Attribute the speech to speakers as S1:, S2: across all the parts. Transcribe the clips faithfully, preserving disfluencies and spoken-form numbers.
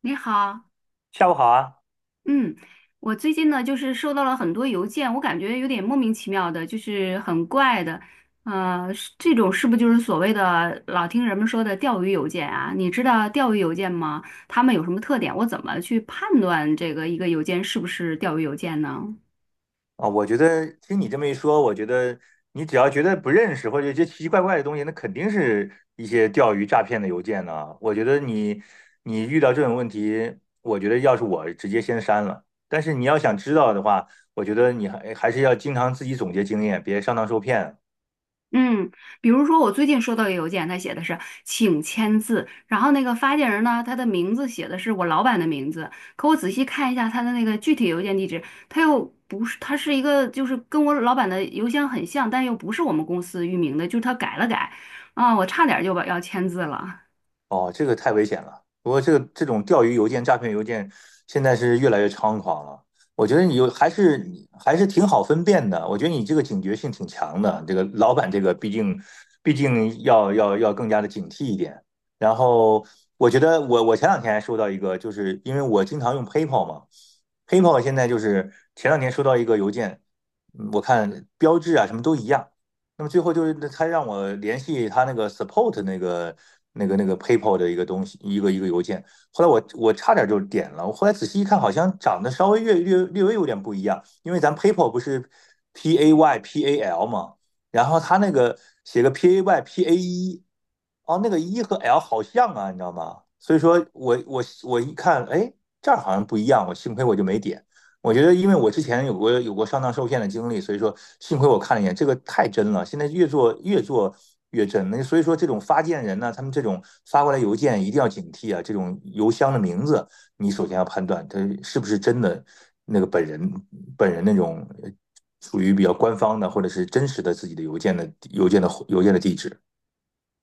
S1: 你好，
S2: 下午好啊！
S1: 嗯，我最近呢就是收到了很多邮件，我感觉有点莫名其妙的，就是很怪的，呃，是这种是不是就是所谓的老听人们说的钓鱼邮件啊？你知道钓鱼邮件吗？他们有什么特点？我怎么去判断这个一个邮件是不是钓鱼邮件呢？
S2: 啊，我觉得听你这么一说，我觉得你只要觉得不认识或者一些奇奇怪怪的东西，那肯定是一些钓鱼诈骗的邮件呢、我觉得你你遇到这种问题，我觉得要是我直接先删了。但是你要想知道的话，我觉得你还还是要经常自己总结经验，别上当受骗。
S1: 嗯，比如说我最近收到一个邮件，他写的是请签字，然后那个发件人呢，他的名字写的是我老板的名字，可我仔细看一下他的那个具体邮件地址，他又不是，他是一个就是跟我老板的邮箱很像，但又不是我们公司域名的，就是他改了改，啊，我差点就把要签字了。
S2: 哦，这个太危险了。不过这个这种钓鱼邮件、诈骗邮件，现在是越来越猖狂了。我觉得你有还是你还是挺好分辨的。我觉得你这个警觉性挺强的。这个老板这个毕竟毕竟要要要更加的警惕一点。然后我觉得我我前两天还收到一个，就是因为我经常用 PayPal 嘛，PayPal 现在就是前两天收到一个邮件，嗯我看标志啊什么都一样。那么最后就是他让我联系他那个 support 那个那个那个 PayPal 的一个东西，一个一个邮件。后来我我差点就点了，我后来仔细一看，好像长得稍微略略略微有点不一样，因为咱 PayPal 不是 P A Y P A L 嘛，然后他那个写个 P A Y P A 一，哦，那个一和 L 好像啊，你知道吗？所以说我我我一看，哎，这儿好像不一样，我幸亏我就没点。我觉得，因为我之前有过有过上当受骗的经历，所以说幸亏我看了一眼，这个太真了。现在越做越做越真，那所以说这种发件人呢，他们这种发过来邮件一定要警惕啊。这种邮箱的名字，你首先要判断他是不是真的那个本人本人那种呃属于比较官方的或者是真实的自己的邮件的邮件的邮件的地址。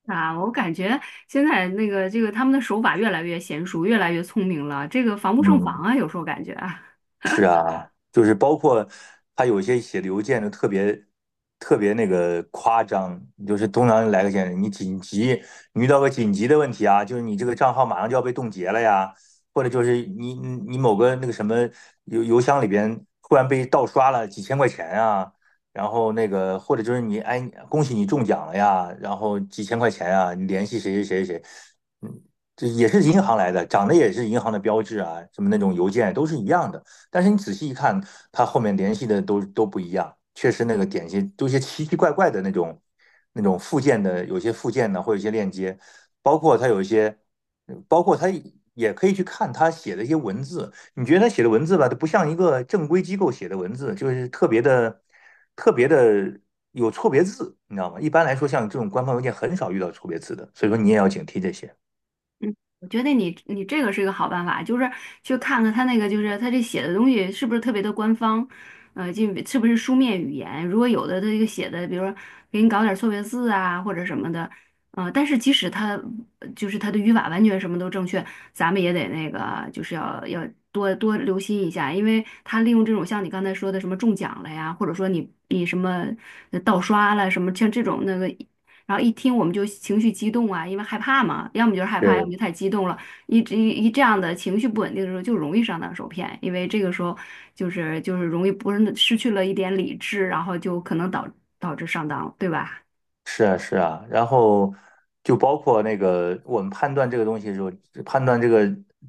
S1: 啊，我感觉现在那个这个他们的手法越来越娴熟，越来越聪明了，这个防不胜防
S2: 嗯。
S1: 啊，有时候感觉啊。
S2: 是啊，就是包括他有些写邮件就特别特别那个夸张，就是通常来个先生，你紧急，你遇到个紧急的问题啊，就是你这个账号马上就要被冻结了呀，或者就是你你你某个那个什么邮邮箱里边忽然被盗刷了几千块钱啊，然后那个或者就是你哎恭喜你中奖了呀，然后几千块钱啊，你联系谁谁谁谁，嗯，这也是银行来的，长得也是银行的标志啊，什么那种邮件都是一样的。但是你仔细一看，他后面联系的都都不一样，确实那个点心都一些奇奇怪怪的那种那种附件的，有些附件呢，或有些链接，包括它有一些，包括它也可以去看他写的一些文字，你觉得他写的文字吧，它不像一个正规机构写的文字，就是特别的特别的有错别字，你知道吗？一般来说，像这种官方邮件很少遇到错别字的，所以说你也要警惕这些。
S1: 我觉得你你这个是一个好办法，就是去看看他那个，就是他这写的东西是不是特别的官方，呃，就是不是书面语言。如果有的他这个写的，比如说给你搞点错别字啊或者什么的，呃，但是即使他呃就是他的语法完全什么都正确，咱们也得那个就是要要多多留心一下，因为他利用这种像你刚才说的什么中奖了呀，或者说你你什么呃盗刷了什么像这种那个。然后一听我们就情绪激动啊，因为害怕嘛，要么就是害怕，要么
S2: 对，
S1: 就太激动了。一直一一这样的情绪不稳定的时候，就容易上当受骗，因为这个时候就是就是容易不是失去了一点理智，然后就可能导导致上当，对吧？
S2: 是啊，是啊，然后就包括那个我们判断这个东西的时候，判断这个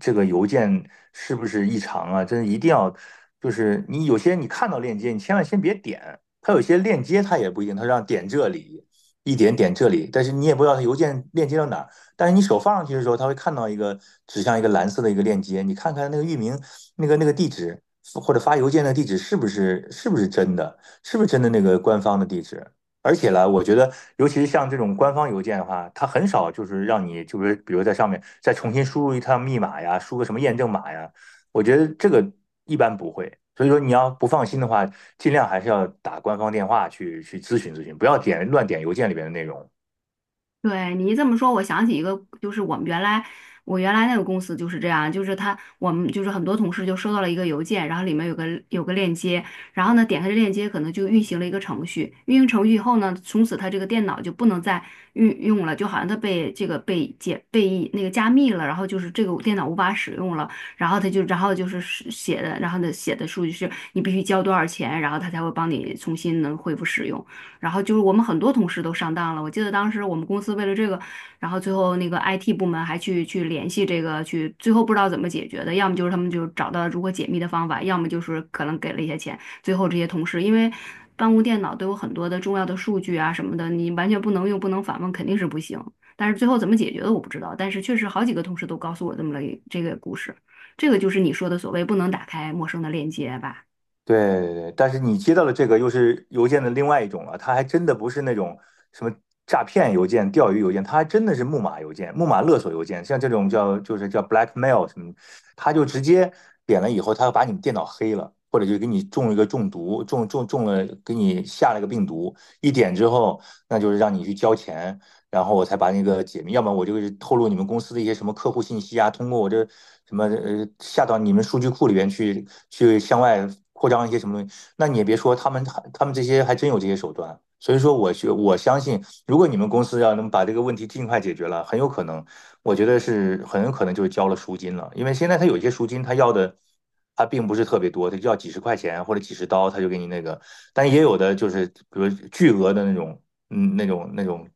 S2: 这个邮件是不是异常啊，真的一定要，就是你有些你看到链接，你千万先别点，它有些链接它也不一定，它让点这里，一点点这里，但是你也不知道它邮件链接到哪儿，但是你手放上去的时候，它会看到一个指向一个蓝色的一个链接，你看看那个域名，那个那个地址或者发邮件的地址是不是是不是真的，是不是真的那个官方的地址。而且呢，我觉得，尤其是像这种官方邮件的话，它很少就是让你，就是比如在上面再重新输入一趟密码呀，输个什么验证码呀，我觉得这个一般不会。所以说，你要不放心的话，尽量还是要打官方电话去去咨询咨询，不要点乱点邮件里边的内容。
S1: 对你一这么说，我想起一个，就是我们原来我原来那个公司就是这样，就是他我们就是很多同事就收到了一个邮件，然后里面有个有个链接，然后呢点开这链接，可能就运行了一个程序，运行程序以后呢，从此他这个电脑就不能再运用了，就好像他被这个被解被那个加密了，然后就是这个电脑无法使用了，然后他就然后就是是写的，然后呢写的数据是你必须交多少钱，然后他才会帮你重新能恢复使用。然后就是我们很多同事都上当了。我记得当时我们公司为了这个，然后最后那个 I T 部门还去去联系这个，去最后不知道怎么解决的，要么就是他们就找到如何解密的方法，要么就是可能给了一些钱。最后这些同事因为办公电脑都有很多的重要的数据啊什么的，你完全不能用，不能访问，肯定是不行。但是最后怎么解决的我不知道，但是确实好几个同事都告诉我这么了一这个故事，这个就是你说的所谓不能打开陌生的链接吧。
S2: 对对对，但是你接到的这个又是邮件的另外一种了，它还真的不是那种什么诈骗邮件、钓鱼邮件，它还真的是木马邮件、木马勒索邮件，像这种叫就是叫 blackmail 什么，它就直接点了以后，它把你电脑黑了，或者就给你中一个中毒，中中中了，给你下了个病毒，一点之后，那就是让你去交钱，然后我才把那个解密，要不然我就透露你们公司的一些什么客户信息啊，通过我这什么呃下到你们数据库里边去，去向外扩张一些什么东西。那你也别说，他们他们这些还真有这些手段。所以说我，我我相信，如果你们公司要能把这个问题尽快解决了，很有可能，我觉得是很有可能就是交了赎金了，因为现在他有些赎金他要的。他并不是特别多，他就要几十块钱或者几十刀，他就给你那个。但也有的就是，比如巨额的那种嗯，那种那种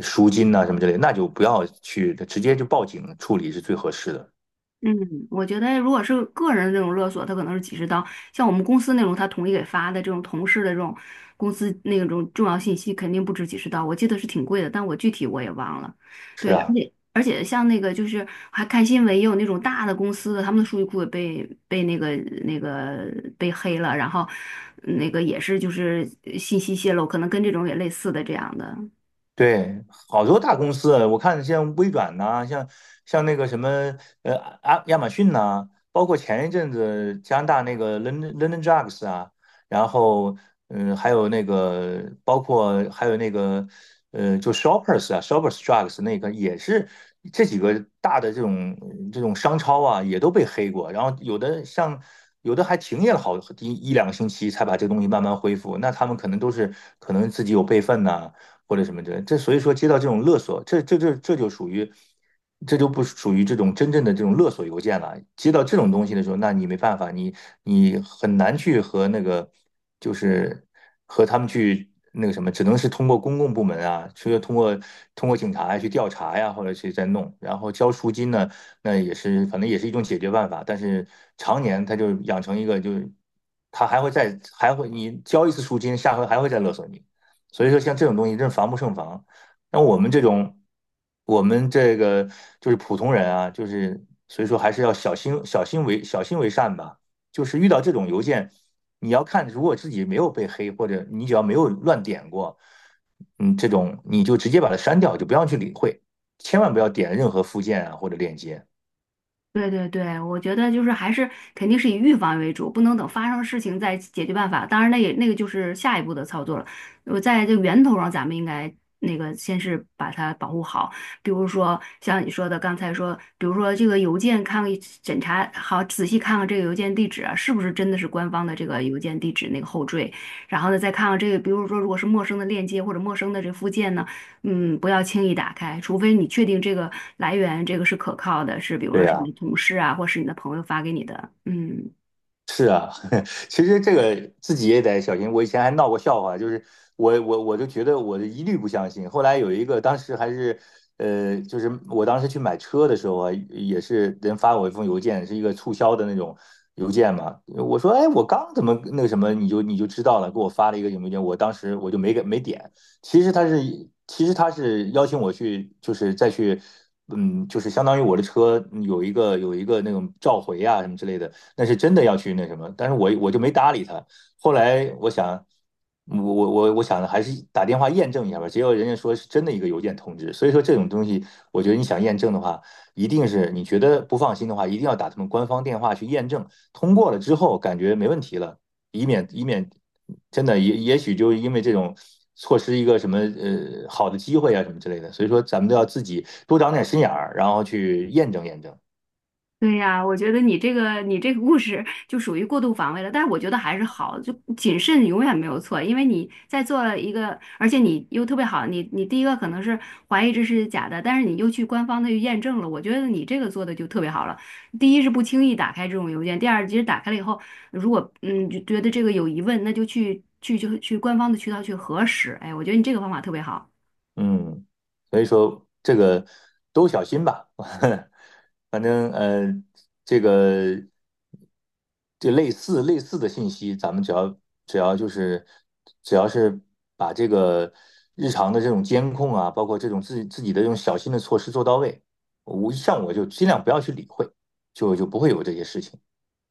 S2: 赎金呐、什么之类的那就不要去，直接就报警处理是最合适的。
S1: 嗯，我觉得如果是个人的这种勒索，他可能是几十刀；像我们公司那种，他统一给发的这种同事的这种公司那种重要信息，肯定不止几十刀。我记得是挺贵的，但我具体我也忘了。对，
S2: 是
S1: 而
S2: 啊，
S1: 且而且像那个就是还看新闻，也有那种大的公司的，他们的数据库也被被那个那个被黑了，然后那个也是就是信息泄露，可能跟这种也类似的这样的。
S2: 对，好多大公司啊我看像微软呐、像像那个什么呃啊亚马逊呐、包括前一阵子加拿大那个 London London Drugs 啊，然后嗯，还有那个包括还有那个呃，就 Shoppers 啊，Shoppers Drugs 那个也是这几个大的这种这种商超啊，也都被黑过，然后有的像。有的还停业了好一一两个星期，才把这个东西慢慢恢复。那他们可能都是可能自己有备份呐、或者什么的，这所以说接到这种勒索，这这这这就属于，这就不属于这种真正的这种勒索邮件了。接到这种东西的时候，那你没办法，你你很难去和那个就是和他们去那个什么，只能是通过公共部门啊，除了通过通过警察去调查呀，或者去再弄，然后交赎金呢，那也是反正也是一种解决办法，但是常年他就养成一个就是。他还会再还会你交一次赎金，下回还会再勒索你。所以说，像这种东西真是防不胜防。那我们这种，我们这个就是普通人啊，就是所以说还是要小心、小心为小心为善吧。就是遇到这种邮件，你要看，如果自己没有被黑，或者你只要没有乱点过，嗯，这种你就直接把它删掉，就不要去理会，千万不要点任何附件啊或者链接。
S1: 对对对，我觉得就是还是肯定是以预防为主，不能等发生事情再解决办法。当然，那也那个就是下一步的操作了。我在这个源头上，咱们应该那个先是把它保护好，比如说像你说的刚才说，比如说这个邮件看检查好，仔细看看这个邮件地址啊，是不是真的是官方的这个邮件地址那个后缀，然后呢再看看这个，比如说如果是陌生的链接或者陌生的这附件呢。嗯，不要轻易打开，除非你确定这个来源这个是可靠的，是比如
S2: 对
S1: 说是你
S2: 呀、
S1: 的同事啊，或是你的朋友发给你的。嗯。
S2: 是啊，其实这个自己也得小心。我以前还闹过笑话，就是我我我就觉得我一律不相信。后来有一个，当时还是呃，就是我当时去买车的时候啊，也是人发我一封邮件，是一个促销的那种邮件嘛。我说，哎，我刚怎么那个什么，你就你就知道了，给我发了一个邮件，我当时我就没给没点。其实他是其实他是邀请我去，就是再去。嗯，就是相当于我的车有一个有一个那种召回啊什么之类的，那是真的要去那什么，但是我我就没搭理他。后来我想，我我我我想还是打电话验证一下吧。结果人家说是真的一个邮件通知，所以说这种东西，我觉得你想验证的话，一定是你觉得不放心的话，一定要打他们官方电话去验证。通过了之后，感觉没问题了，以免以免真的也也许就因为这种。错失一个什么呃好的机会啊什么之类的，所以说咱们都要自己多长点心眼儿，然后去验证验证。
S1: 对呀，我觉得你这个你这个故事就属于过度防卫了，但是我觉得还是好，就谨慎永远没有错，因为你在做一个，而且你又特别好，你你第一个可能是怀疑这是假的，但是你又去官方的去验证了，我觉得你这个做的就特别好了。第一是不轻易打开这种邮件，第二其实打开了以后，如果嗯就觉得这个有疑问，那就去去就去官方的渠道去核实。哎，我觉得你这个方法特别好。
S2: 嗯，所以说这个都小心吧，反正呃，这个这类似类似的信息，咱们只要只要就是只要是把这个日常的这种监控啊，包括这种自己自己的这种小心的措施做到位，我像我就尽量不要去理会，就就不会有这些事情。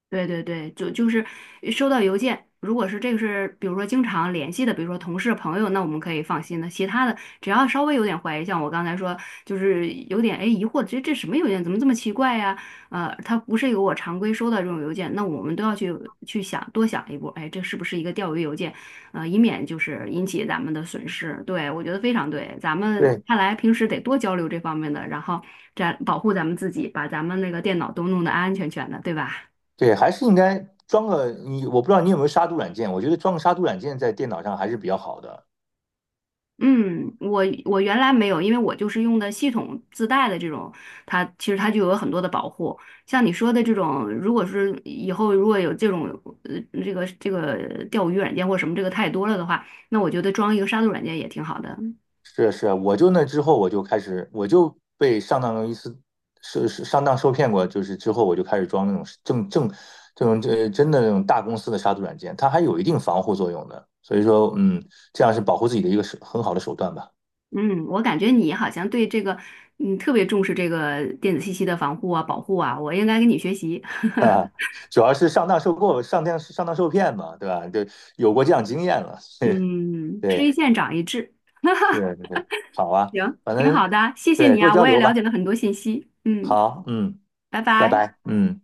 S1: 对对对，就就是收到邮件，如果是这个是，比如说经常联系的，比如说同事朋友，那我们可以放心的。其他的，只要稍微有点怀疑，像我刚才说，就是有点哎疑惑，这这什么邮件，怎么这么奇怪呀？呃，它不是一个我常规收到这种邮件，那我们都要去去想，多想一步，哎，这是不是一个钓鱼邮件？呃，以免就是引起咱们的损失。对，我觉得非常对，咱们
S2: 对
S1: 看来平时得多交流这方面的，然后这样保护咱们自己，把咱们那个电脑都弄得安安全全的，对吧？
S2: 对，还是应该装个你，我不知道你有没有杀毒软件，我觉得装个杀毒软件在电脑上还是比较好的。
S1: 嗯，我我原来没有，因为我就是用的系统自带的这种，它其实它就有很多的保护。像你说的这种，如果是以后如果有这种呃这个这个钓鱼软件或什么这个太多了的话，那我觉得装一个杀毒软件也挺好的。
S2: 是是啊，我就那之后我就开始，我就被上当一次，是是上当受骗过，就是之后我就开始装那种正正这种这真的那种大公司的杀毒软件，它还有一定防护作用的，所以说嗯，这样是保护自己的一个手很好的手段吧。
S1: 嗯，我感觉你好像对这个嗯特别重视这个电子信息的防护啊、保护啊，我应该跟你学习。
S2: 啊，主要是上当受过上当上当受骗嘛，对吧？就有过这样经验了，对
S1: 嗯，吃一
S2: 对
S1: 堑长一智，
S2: 是对，好 啊，
S1: 行，
S2: 反
S1: 挺好
S2: 正
S1: 的，谢谢
S2: 对
S1: 你
S2: 多
S1: 啊，
S2: 交
S1: 我也
S2: 流
S1: 了
S2: 吧。
S1: 解了很多信息。嗯，
S2: 好，嗯，
S1: 拜
S2: 拜
S1: 拜。
S2: 拜，嗯。